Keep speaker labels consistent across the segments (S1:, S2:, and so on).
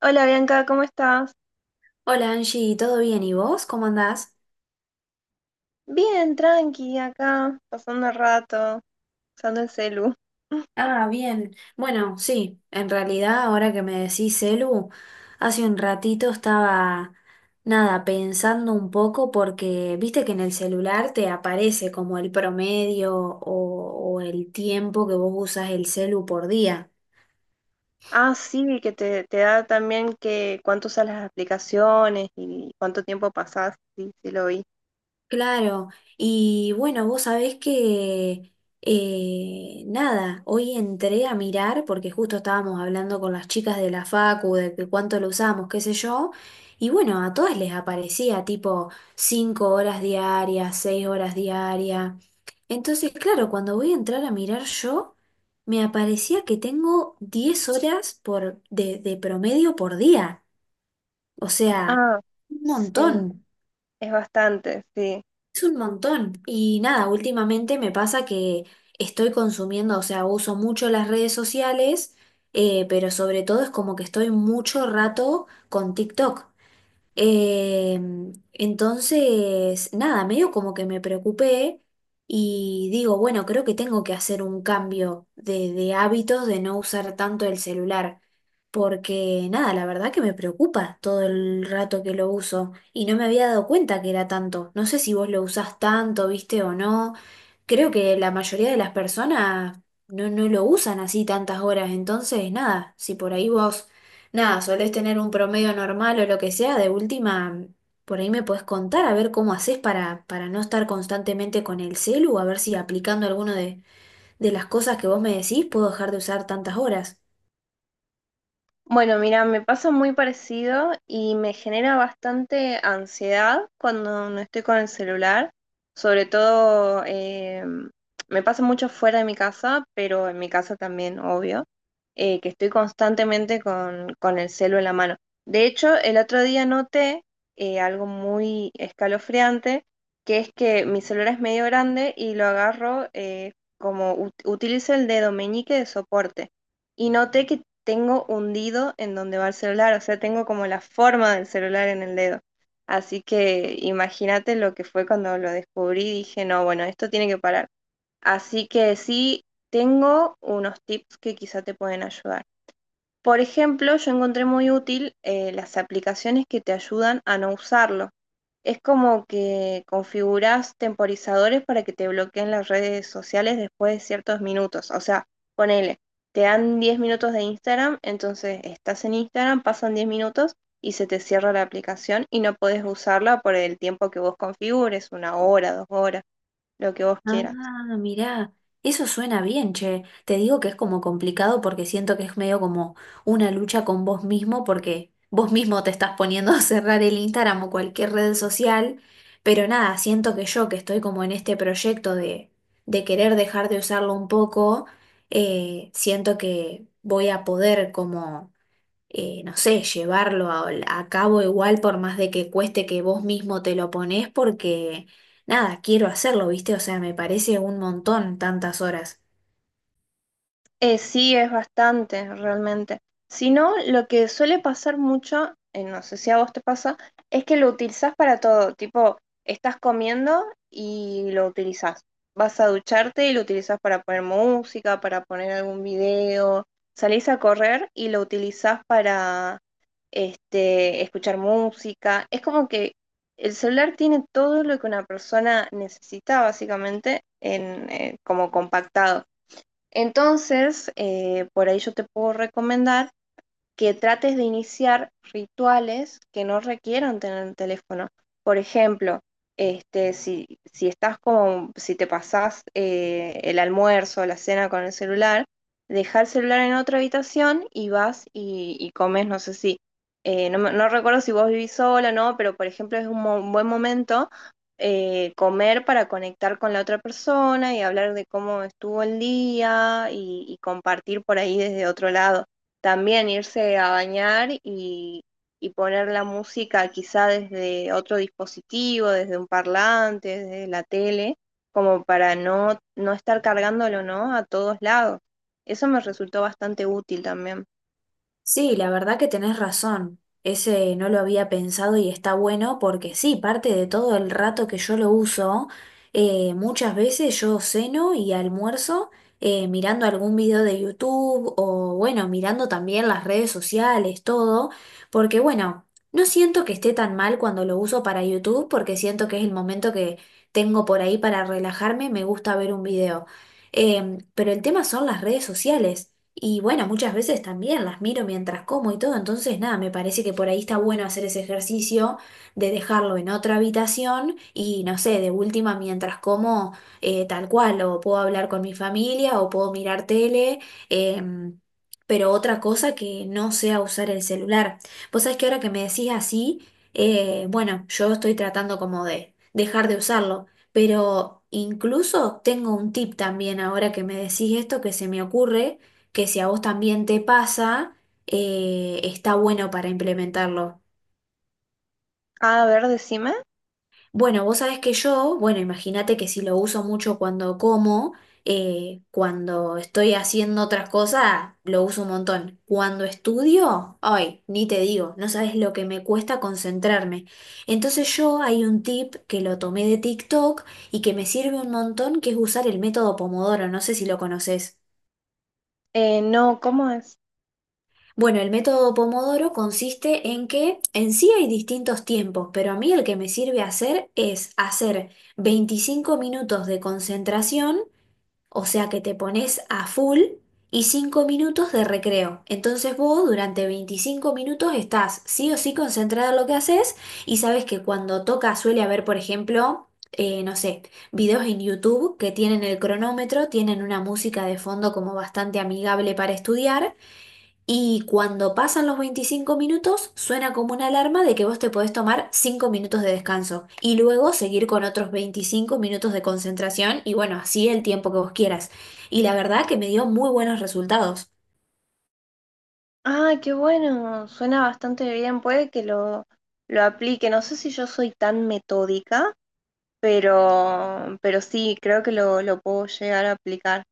S1: Hola Bianca, ¿cómo estás?
S2: Hola Angie, ¿todo bien? ¿Y vos? ¿Cómo andás?
S1: Bien, tranqui, acá, pasando el rato, usando el celu.
S2: Ah, bien. Bueno, sí, en realidad ahora que me decís celu, hace un ratito estaba, nada, pensando un poco porque viste que en el celular te aparece como el promedio o el tiempo que vos usas el celu por día.
S1: Ah, sí, que te da también que cuánto usas las aplicaciones y cuánto tiempo pasás, sí, sí lo vi.
S2: Claro, y bueno, vos sabés que nada, hoy entré a mirar, porque justo estábamos hablando con las chicas de la Facu, de que cuánto lo usamos, qué sé yo, y bueno, a todas les aparecía tipo 5 horas diarias, 6 horas diarias. Entonces, claro, cuando voy a entrar a mirar yo, me aparecía que tengo 10 horas por, de promedio por día, o sea,
S1: Ah,
S2: un
S1: sí,
S2: montón.
S1: es bastante, sí.
S2: Es un montón. Y nada, últimamente me pasa que estoy consumiendo, o sea, uso mucho las redes sociales, pero sobre todo es como que estoy mucho rato con TikTok. Eh, entonces, nada, medio como que me preocupé y digo, bueno, creo que tengo que hacer un cambio de hábitos de no usar tanto el celular, porque nada, la verdad que me preocupa todo el rato que lo uso y no me había dado cuenta que era tanto. No sé si vos lo usás tanto, viste o no. Creo que la mayoría de las personas no lo usan así tantas horas, entonces, nada, si por ahí vos nada, solés tener un promedio normal o lo que sea, de última, por ahí me podés contar a ver cómo haces para no estar constantemente con el celu, a ver si aplicando alguno de las cosas que vos me decís puedo dejar de usar tantas horas.
S1: Bueno, mira, me pasa muy parecido y me genera bastante ansiedad cuando no estoy con el celular. Sobre todo, me pasa mucho fuera de mi casa, pero en mi casa también, obvio, que estoy constantemente con el celu en la mano. De hecho, el otro día noté algo muy escalofriante, que es que mi celular es medio grande y lo agarro como utilizo el dedo meñique de soporte y noté que tengo hundido en donde va el celular, o sea, tengo como la forma del celular en el dedo. Así que imagínate lo que fue cuando lo descubrí, dije, no, bueno, esto tiene que parar. Así que sí, tengo unos tips que quizá te pueden ayudar. Por ejemplo, yo encontré muy útil las aplicaciones que te ayudan a no usarlo. Es como que configurás temporizadores para que te bloqueen las redes sociales después de ciertos minutos. O sea, ponele, te dan 10 minutos de Instagram, entonces estás en Instagram, pasan 10 minutos y se te cierra la aplicación y no podés usarla por el tiempo que vos configures, 1 hora, 2 horas, lo que vos quieras.
S2: Ah, mirá, eso suena bien, che. Te digo que es como complicado porque siento que es medio como una lucha con vos mismo porque vos mismo te estás poniendo a cerrar el Instagram o cualquier red social, pero nada, siento que yo que estoy como en este proyecto de querer dejar de usarlo un poco, siento que voy a poder como no sé, llevarlo a cabo igual por más de que cueste que vos mismo te lo ponés porque, nada, quiero hacerlo, ¿viste? O sea, me parece un montón tantas horas.
S1: Sí, es bastante, realmente. Si no, lo que suele pasar mucho, no sé si a vos te pasa, es que lo utilizás para todo. Tipo, estás comiendo y lo utilizás. Vas a ducharte y lo utilizás para poner música, para poner algún video. Salís a correr y lo utilizás para este, escuchar música. Es como que el celular tiene todo lo que una persona necesita, básicamente, en, como compactado. Entonces, por ahí yo te puedo recomendar que trates de iniciar rituales que no requieran tener el teléfono. Por ejemplo, este, si estás como, si te pasás el almuerzo o la cena con el celular, deja el celular en otra habitación y vas y comes, no sé si, no, no recuerdo si vos vivís sola, no, pero por ejemplo es un, un buen momento comer para conectar con la otra persona y hablar de cómo estuvo el día y compartir por ahí desde otro lado también irse a bañar y poner la música quizá desde otro dispositivo, desde un parlante, desde la tele, como para no estar cargándolo, ¿no? A todos lados. Eso me resultó bastante útil también.
S2: Sí, la verdad que tenés razón. Ese no lo había pensado y está bueno porque sí, parte de todo el rato que yo lo uso, muchas veces yo ceno y almuerzo mirando algún video de YouTube o bueno, mirando también las redes sociales, todo, porque bueno, no siento que esté tan mal cuando lo uso para YouTube porque siento que es el momento que tengo por ahí para relajarme, me gusta ver un video. Pero el tema son las redes sociales. Y bueno, muchas veces también las miro mientras como y todo, entonces nada, me parece que por ahí está bueno hacer ese ejercicio de dejarlo en otra habitación y no sé, de última mientras como tal cual, o puedo hablar con mi familia o puedo mirar tele, em, pero otra cosa que no sea usar el celular. Vos sabés que ahora que me decís así, bueno, yo estoy tratando como de dejar de usarlo, pero incluso tengo un tip también ahora que me decís esto que se me ocurre que si a vos también te pasa, está bueno para implementarlo.
S1: Ah, a ver, decime.
S2: Bueno, vos sabés que yo, bueno, imagínate que si lo uso mucho cuando como, cuando estoy haciendo otras cosas, lo uso un montón. Cuando estudio, ay, ni te digo, no sabes lo que me cuesta concentrarme. Entonces yo hay un tip que lo tomé de TikTok y que me sirve un montón, que es usar el método Pomodoro, no sé si lo conoces.
S1: No, ¿cómo es?
S2: Bueno, el método Pomodoro consiste en que en sí hay distintos tiempos, pero a mí el que me sirve hacer es hacer 25 minutos de concentración, o sea que te pones a full, y 5 minutos de recreo. Entonces vos durante 25 minutos estás sí o sí concentrado en lo que haces y sabes que cuando toca suele haber, por ejemplo, no sé, videos en YouTube que tienen el cronómetro, tienen una música de fondo como bastante amigable para estudiar. Y cuando pasan los 25 minutos, suena como una alarma de que vos te podés tomar 5 minutos de descanso y luego seguir con otros 25 minutos de concentración y bueno, así el tiempo que vos quieras. Y la verdad que me dio muy buenos resultados.
S1: Ah, qué bueno, suena bastante bien, puede que lo aplique. No sé si yo soy tan metódica, pero sí, creo que lo puedo llegar a aplicar.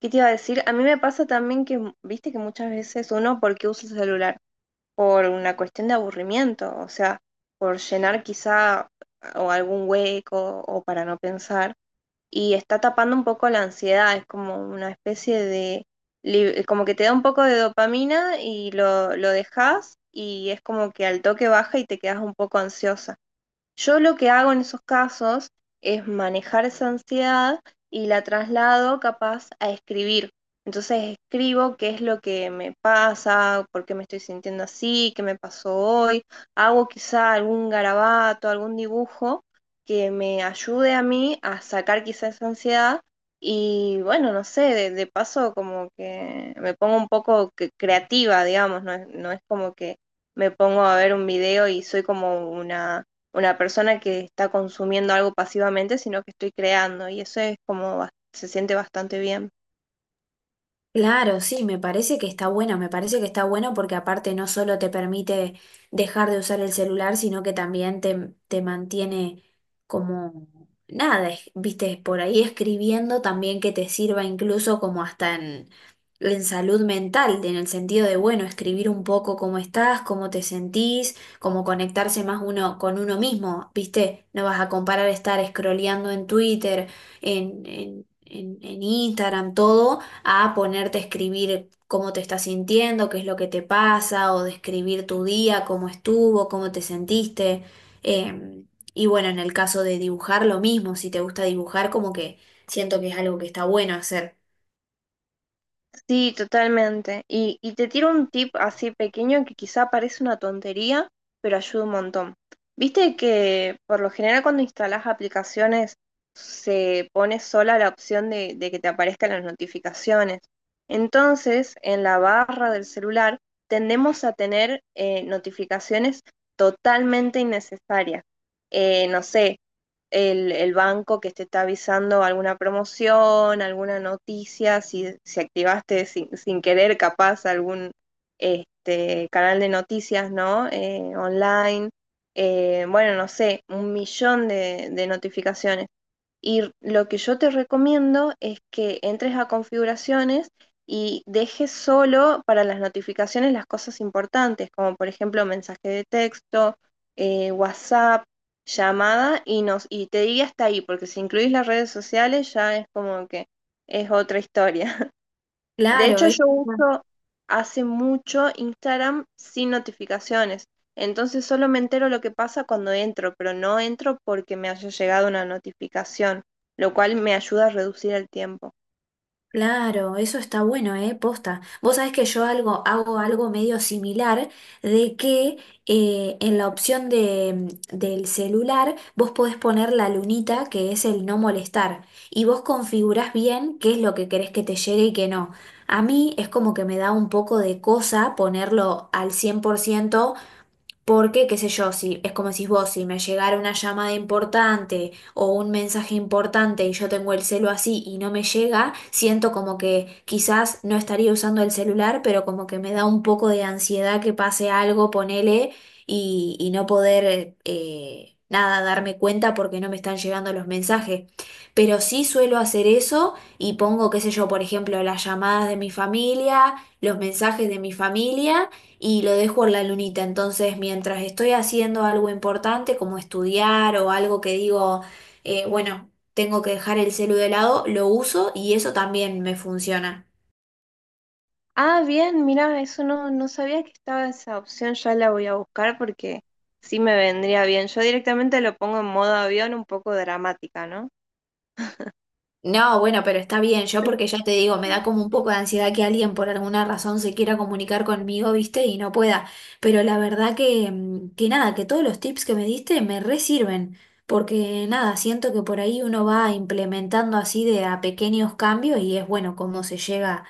S1: ¿Qué te iba a decir? A mí me pasa también que, viste que muchas veces uno, ¿por qué usa el celular? Por una cuestión de aburrimiento, o sea, por llenar quizá o algún hueco o para no pensar. Y está tapando un poco la ansiedad, es como una especie de, como que te da un poco de dopamina y lo dejas y es como que al toque baja y te quedas un poco ansiosa. Yo lo que hago en esos casos es manejar esa ansiedad y la traslado capaz a escribir. Entonces escribo qué es lo que me pasa, por qué me estoy sintiendo así, qué me pasó hoy. Hago quizá algún garabato, algún dibujo que me ayude a mí a sacar quizá esa ansiedad. Y bueno, no sé, de paso como que me pongo un poco creativa, digamos, no es, no es como que me pongo a ver un video y soy como una persona que está consumiendo algo pasivamente, sino que estoy creando y eso es como, se siente bastante bien.
S2: Claro, sí, me parece que está bueno, me parece que está bueno porque aparte no solo te permite dejar de usar el celular, sino que también te mantiene como nada, viste, por ahí escribiendo también que te sirva incluso como hasta en salud mental, en el sentido de, bueno, escribir un poco cómo estás, cómo te sentís, como conectarse más uno con uno mismo, viste, no vas a comparar estar scrolleando en Twitter, en, en en Instagram, todo a ponerte a escribir cómo te estás sintiendo, qué es lo que te pasa, o describir tu día, cómo estuvo, cómo te sentiste. Eh, y bueno, en el caso de dibujar, lo mismo, si te gusta dibujar, como que siento que es algo que está bueno hacer.
S1: Sí, totalmente. Y te tiro un tip así pequeño que quizá parece una tontería, pero ayuda un montón. Viste que por lo general cuando instalas aplicaciones se pone sola la opción de que te aparezcan las notificaciones. Entonces, en la barra del celular tendemos a tener notificaciones totalmente innecesarias. No sé, el banco que te está avisando alguna promoción, alguna noticia, si activaste sin querer capaz algún este, canal de noticias, ¿no? Online. Bueno, no sé, 1 millón de notificaciones. Y lo que yo te recomiendo es que entres a configuraciones y dejes solo para las notificaciones las cosas importantes, como por ejemplo mensaje de texto, WhatsApp, llamada y te diría hasta ahí, porque si incluís las redes sociales ya es como que es otra historia. De
S2: Claro,
S1: hecho,
S2: es
S1: yo uso hace mucho Instagram sin notificaciones. Entonces solo me entero lo que pasa cuando entro, pero no entro porque me haya llegado una notificación, lo cual me ayuda a reducir el tiempo.
S2: Claro, eso está bueno, ¿eh? Posta. Vos sabés que yo algo, hago algo medio similar de que en la opción de, del celular vos podés poner la lunita que es el no molestar y vos configurás bien qué es lo que querés que te llegue y qué no. A mí es como que me da un poco de cosa ponerlo al 100%. Porque, qué sé yo, si es como decís vos, si me llegara una llamada importante o un mensaje importante y yo tengo el celo así y no me llega, siento como que quizás no estaría usando el celular, pero como que me da un poco de ansiedad que pase algo, ponele, y no poder nada darme cuenta porque no me están llegando los mensajes. Pero sí suelo hacer eso y pongo, qué sé yo, por ejemplo, las llamadas de mi familia, los mensajes de mi familia y lo dejo en la lunita. Entonces, mientras estoy haciendo algo importante como estudiar o algo que digo, bueno, tengo que dejar el celu de lado, lo uso y eso también me funciona.
S1: Ah, bien, mira, eso no, no sabía que estaba esa opción, ya la voy a buscar porque sí me vendría bien. Yo directamente lo pongo en modo avión un poco dramática, ¿no?
S2: No, bueno, pero está bien, yo porque ya te digo, me da como un poco de ansiedad que alguien por alguna razón se quiera comunicar conmigo, ¿viste? Y no pueda. Pero la verdad que, que nada, que todos los tips que me diste me re sirven, porque nada, siento que por ahí uno va implementando así de a pequeños cambios y es bueno cómo se llega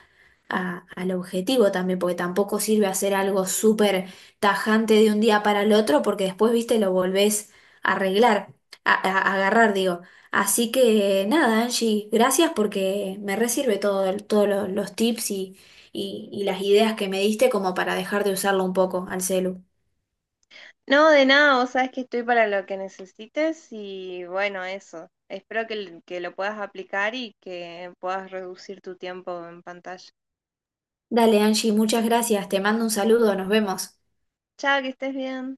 S2: al objetivo también, porque tampoco sirve hacer algo súper tajante de un día para el otro, porque después, ¿viste? Lo volvés a arreglar, a agarrar, digo. Así que nada, Angie, gracias porque me resirve todo, todos los tips y las ideas que me diste como para dejar de usarlo un poco al celu.
S1: No, de nada, vos sabes que estoy para lo que necesites y bueno, eso. Espero que, que lo puedas aplicar y que puedas reducir tu tiempo en pantalla.
S2: Dale, Angie, muchas gracias. Te mando un saludo, nos vemos.
S1: Chao, que estés bien.